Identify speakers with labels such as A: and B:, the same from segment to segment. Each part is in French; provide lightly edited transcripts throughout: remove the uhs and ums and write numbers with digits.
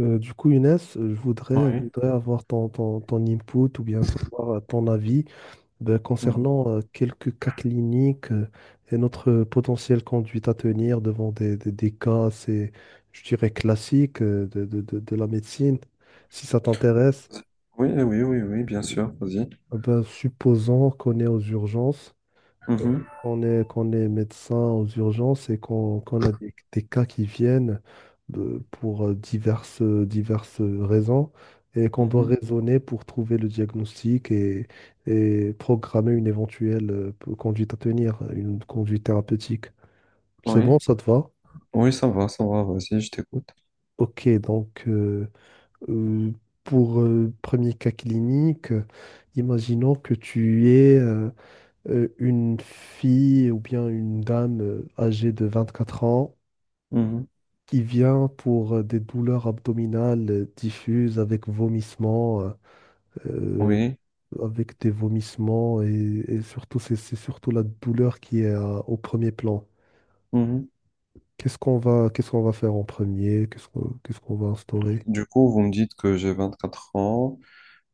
A: Younes, je
B: Oui.
A: voudrais avoir ton input ou bien savoir ton avis
B: Mhm.
A: concernant quelques cas cliniques et notre potentielle conduite à tenir devant des cas assez, je dirais, classiques de la médecine. Si ça t'intéresse,
B: Oui, oui, oui, oui, oui, bien sûr, vas-y.
A: supposons qu'on est aux urgences
B: Mhm,
A: qu'on est médecin aux urgences et qu'on a des cas qui viennent pour diverses raisons et qu'on doit
B: Mhm.
A: raisonner pour trouver le diagnostic et programmer une éventuelle conduite à tenir, une conduite thérapeutique. C'est
B: Oui.
A: bon, ça te va?
B: Oui, ça va, vas-y, je t'écoute.
A: Ok, donc euh, euh, pour premier cas clinique, imaginons que tu es une fille ou bien une dame âgée de 24 ans
B: Mhm,
A: qui vient pour des douleurs abdominales diffuses avec vomissements, euh,
B: Oui.
A: avec des vomissements et surtout c'est surtout la douleur qui est au premier plan.
B: Mhm.
A: Qu'est-ce qu'on va faire en premier? Qu'est-ce qu'on va instaurer?
B: Du coup, vous me dites que j'ai 24 ans,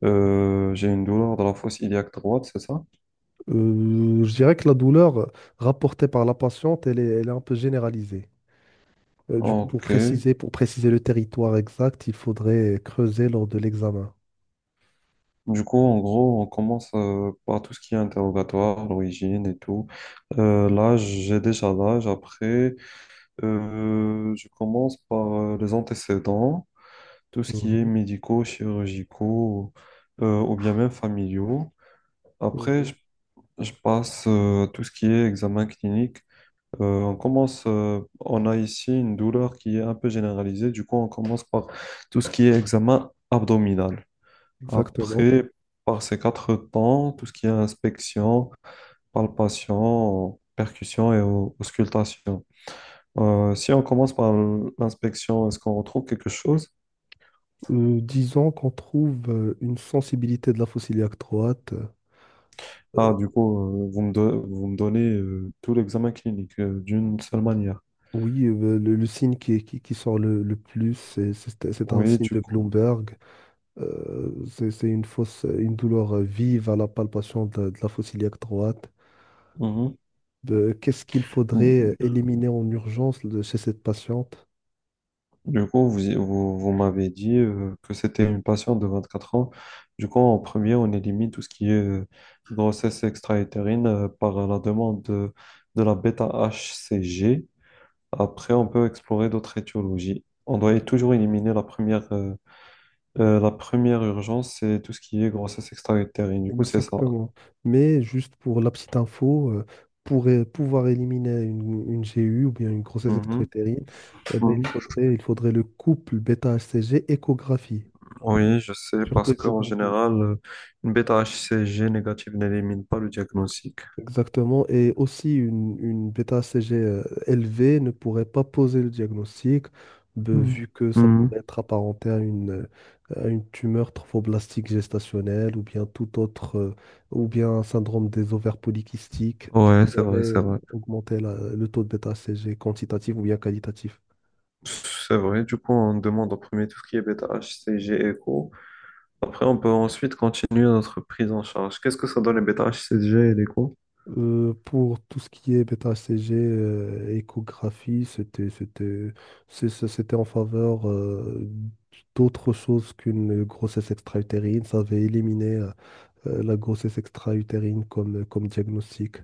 B: j'ai une douleur de la fosse iliaque droite, c'est ça?
A: Je dirais que la douleur rapportée par la patiente, elle est un peu généralisée.
B: Ok.
A: Pour préciser le territoire exact, il faudrait creuser lors de l'examen.
B: Du coup, en gros, on commence par tout ce qui est interrogatoire, l'origine et tout. L'âge, j'ai déjà l'âge. Après, je commence par les antécédents. Tout ce qui est
A: Mhm,
B: médicaux, chirurgicaux, ou bien même familiaux. Après,
A: mhm,
B: je passe tout ce qui est examen clinique. On a ici une douleur qui est un peu généralisée. Du coup, on commence par tout ce qui est examen abdominal.
A: exactement.
B: Après, par ces quatre temps, tout ce qui est inspection, palpation, percussion et auscultation. Si on commence par l'inspection, est-ce qu'on retrouve quelque chose?
A: Disons qu'on trouve une sensibilité de la fossile droite. Euh,
B: Ah, du coup, vous me donnez tout l'examen clinique d'une seule manière.
A: oui, le signe qui qui, sort le plus, c'est un
B: Oui,
A: signe
B: du
A: de
B: coup.
A: Bloomberg. C'est une fausse, une douleur vive à la palpation de la fossile droite.
B: Mhm.
A: Qu'est-ce qu'il
B: Du
A: faudrait éliminer en urgence chez cette patiente?
B: du coup, vous m'avez dit que c'était une patiente de 24 ans. Du coup, en premier, on élimine tout ce qui est grossesse extra-utérine par la demande de la bêta-HCG. Après, on peut explorer d'autres étiologies. On doit toujours éliminer la première urgence, c'est tout ce qui est grossesse extra-utérine. Du coup, c'est ça.
A: Exactement. Mais juste pour la petite info, pour pouvoir éliminer une GU ou bien une grossesse extra-utérine, eh ben,
B: Mhm.
A: il faudrait le couple bêta-HCG échographie,
B: Oui, je sais,
A: surtout
B: parce qu'en
A: échographie.
B: général, une bêta-HCG négative n'élimine pas le diagnostic.
A: Exactement. Et aussi, une bêta-HCG élevée ne pourrait pas poser le diagnostic, ben,
B: Hmm.
A: vu que ça pourrait
B: Mhm.
A: être apparenté à à une tumeur trophoblastique gestationnelle ou bien tout autre, ou bien un syndrome des ovaires polykystiques qui
B: Ouais, c'est vrai,
A: pourrait
B: c'est vrai.
A: augmenter le taux de bêta-HCG quantitatif ou bien qualitatif.
B: C'est vrai, du coup, on demande en premier tout ce qui est bêta-HCG écho. Après, on peut ensuite continuer notre prise en charge. Qu'est-ce que ça donne les bêta-HCG et l'écho?
A: Pour tout ce qui est bêta-HCG, échographie, c'était en faveur d'autre chose qu'une grossesse extra-utérine. Ça avait éliminé la grossesse extra-utérine comme diagnostic.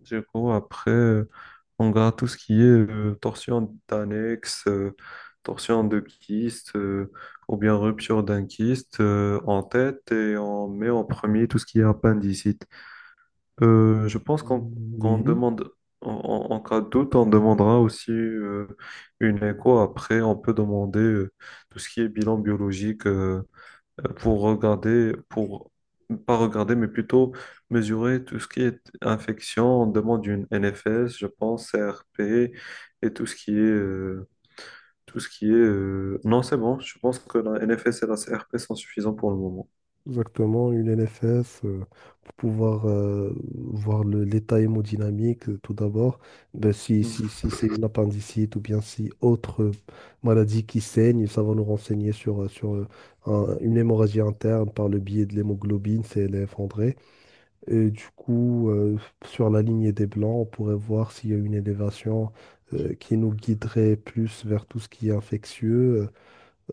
B: Du coup, après, on garde tout ce qui est torsion d'annexe, torsion de kyste, ou bien rupture d'un kyste en tête, et on met en premier tout ce qui est appendicite. Je pense qu'on
A: Oui,
B: demande, en cas de doute, on demandera aussi une écho. Après, on peut demander tout ce qui est bilan biologique, pour regarder, pour pas regarder, mais plutôt mesurer tout ce qui est infection. On demande une NFS, je pense, CRP, et tout ce qui est. Non, c'est bon. Je pense que la NFS et la CRP sont suffisants pour le moment.
A: exactement, une NFS pour pouvoir voir l'état hémodynamique tout d'abord. Ben,
B: Mm.
A: si c'est une appendicite ou bien si autre maladie qui saigne, ça va nous renseigner sur une hémorragie interne par le biais de l'hémoglobine, c'est elle est effondrée. Et sur la lignée des blancs, on pourrait voir s'il y a une élévation qui nous guiderait plus vers tout ce qui est infectieux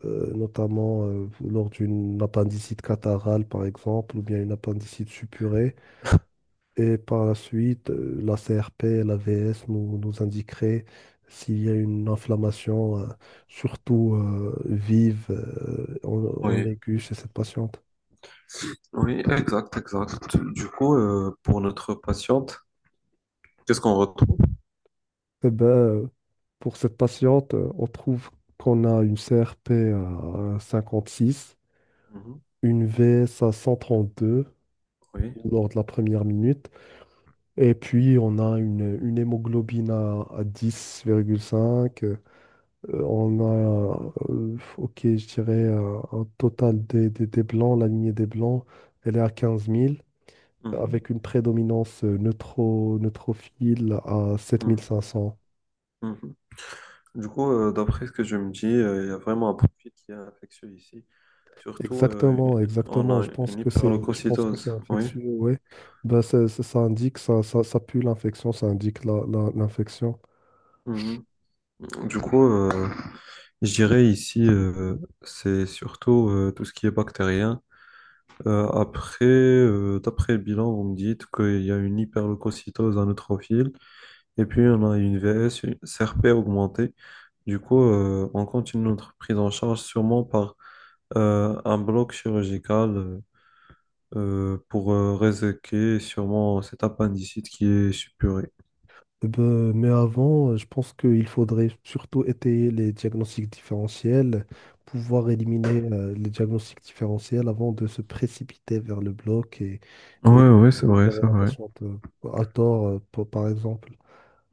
A: notamment lors d'une appendicite catarrhale, par exemple, ou bien une appendicite suppurée. Et par la suite, la CRP et la VS nous indiqueraient s'il y a une inflammation, surtout vive, en
B: Oui,
A: aiguë chez cette patiente.
B: oui, exact, exact. Du coup, pour notre patiente, qu'est-ce qu'on retrouve?
A: Eh ben, euh, pour cette patiente, on trouve qu'on a une CRP à 56,
B: Mhm,
A: une VS à 132
B: oui.
A: lors de la première minute. Et puis, on a une hémoglobine à 10,5. On a, ok, je dirais, un total des blancs, la lignée des blancs, elle est à 15 000,
B: Mhm,
A: avec une prédominance neutrophile à 7 500.
B: mhm, mhm. Du coup, d'après ce que je me dis, il y a vraiment un profil qui est infectieux ici. Surtout,
A: Exactement,
B: on
A: exactement.
B: a
A: Je pense
B: une
A: que c'est, je pense que c'est
B: hyperleucocytose. Oui.
A: infectieux, ouais. Ben, ça indique, ça pue l'infection, ça indique l'infection.
B: Mhm. Du coup, je dirais ici, c'est surtout tout ce qui est bactérien. Après, d'après le bilan, vous me dites qu'il y a une hyperleucocytose à neutrophile. Et puis, on a une VS, une CRP augmentée. Du coup, on continue notre prise en charge sûrement par un bloc chirurgical, pour réséquer sûrement cet appendicite qui est suppuré.
A: Eh ben, mais avant, je pense qu'il faudrait surtout étayer les diagnostics différentiels, pouvoir éliminer les diagnostics différentiels avant de se précipiter vers le bloc
B: Ouais,
A: et
B: ouais, c'est vrai,
A: opérer
B: c'est
A: la
B: vrai.
A: patiente à tort, par par exemple.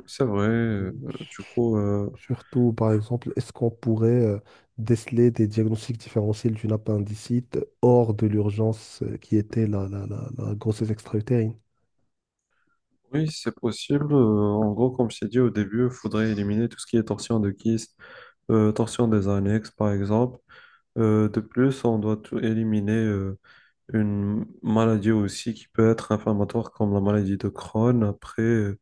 B: C'est vrai. Du coup,
A: Surtout, par exemple, est-ce qu'on pourrait déceler des diagnostics différentiels d'une appendicite hors de l'urgence qui était la grossesse extra-utérine?
B: oui, c'est possible. En gros, comme je t'ai dit au début, il faudrait éliminer tout ce qui est torsion de kyste, torsion des annexes, par exemple. De plus, on doit tout éliminer, une maladie aussi qui peut être inflammatoire comme la maladie de Crohn. Après,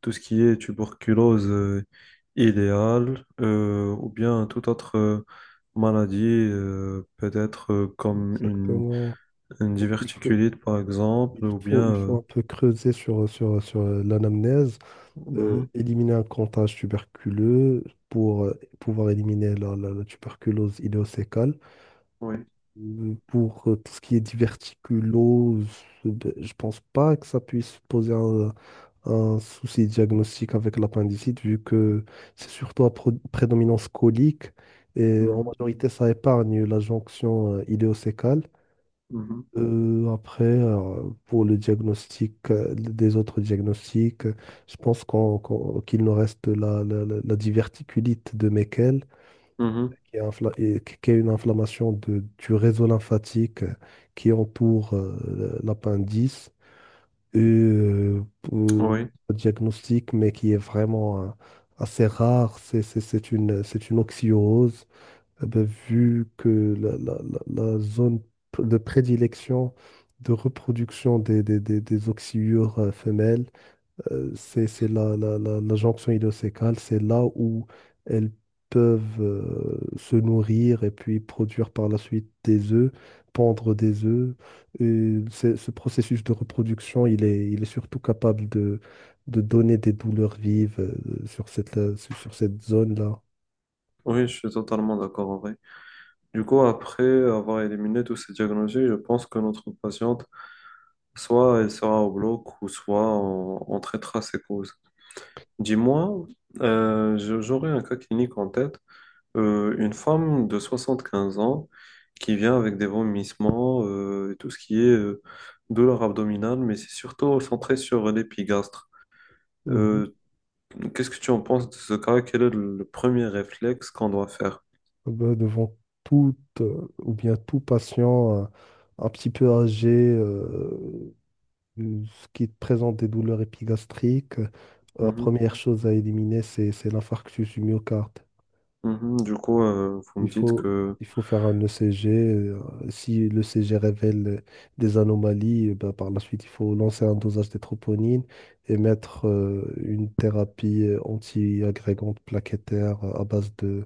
B: tout ce qui est tuberculose idéale, ou bien toute autre maladie, peut-être comme une,
A: Exactement.
B: une
A: Donc,
B: diverticulite par exemple,
A: il faut un peu creuser sur l'anamnèse,
B: Mhm,
A: éliminer un comptage tuberculeux pour pouvoir éliminer la tuberculose idéocécale.
B: oui.
A: Pour tout ce qui est diverticulose, ben, je pense pas que ça puisse poser un souci diagnostique avec l'appendicite, vu que c'est surtout à prédominance colique et en
B: Mhm,
A: majorité ça épargne la jonction idéocécale.
B: mhm,
A: Pour le diagnostic, des autres diagnostics, je pense qu'il nous reste la diverticulite de Meckel,
B: mhm,
A: qui est une inflammation du réseau lymphatique qui entoure l'appendice. Et pour
B: oui.
A: le diagnostic, mais qui est vraiment assez rare, c'est c'est une oxyurose. Eh ben, vu que la zone de prédilection de reproduction des oxyures femelles, c'est la jonction idéocécale, c'est là où elles peuvent se nourrir et puis produire par la suite des œufs, pondre des œufs. Et ce processus de reproduction, il est surtout capable de donner des douleurs vives sur cette zone-là.
B: Oui, je suis totalement d'accord en vrai. Du coup, après avoir éliminé tous ces diagnostics, je pense que notre patiente, soit elle sera au bloc, ou soit on traitera ses causes. Dis-moi, j'aurais un cas clinique en tête. Une femme de 75 ans qui vient avec des vomissements, et tout ce qui est douleur abdominale, mais c'est surtout centré sur l'épigastre. Euh, qu'est-ce que tu en penses de ce cas? Quel est le premier réflexe qu'on doit faire?
A: Ben, devant toute ou bien tout patient un petit peu âgé euh, qui présente des douleurs épigastriques, la
B: Mhm,
A: première chose à éliminer, c'est l'infarctus du myocarde.
B: mhm. Du coup, vous
A: Il
B: me dites
A: faut,
B: que
A: il faut faire un ECG. Si le CG révèle des anomalies, eh ben, par la suite, il faut lancer un dosage des troponines et mettre une thérapie anti-agrégante plaquettaire à base de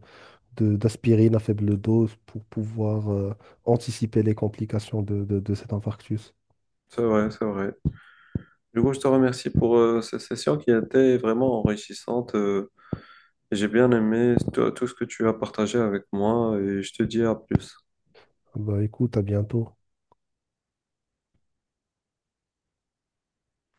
A: d'aspirine à faible dose pour pouvoir anticiper les complications de cet infarctus.
B: c'est vrai, c'est vrai. Du coup, je te remercie pour cette session qui a été vraiment enrichissante. J'ai bien aimé tout tout ce que tu as partagé avec moi, et je te dis à plus.
A: Bah écoute, à bientôt.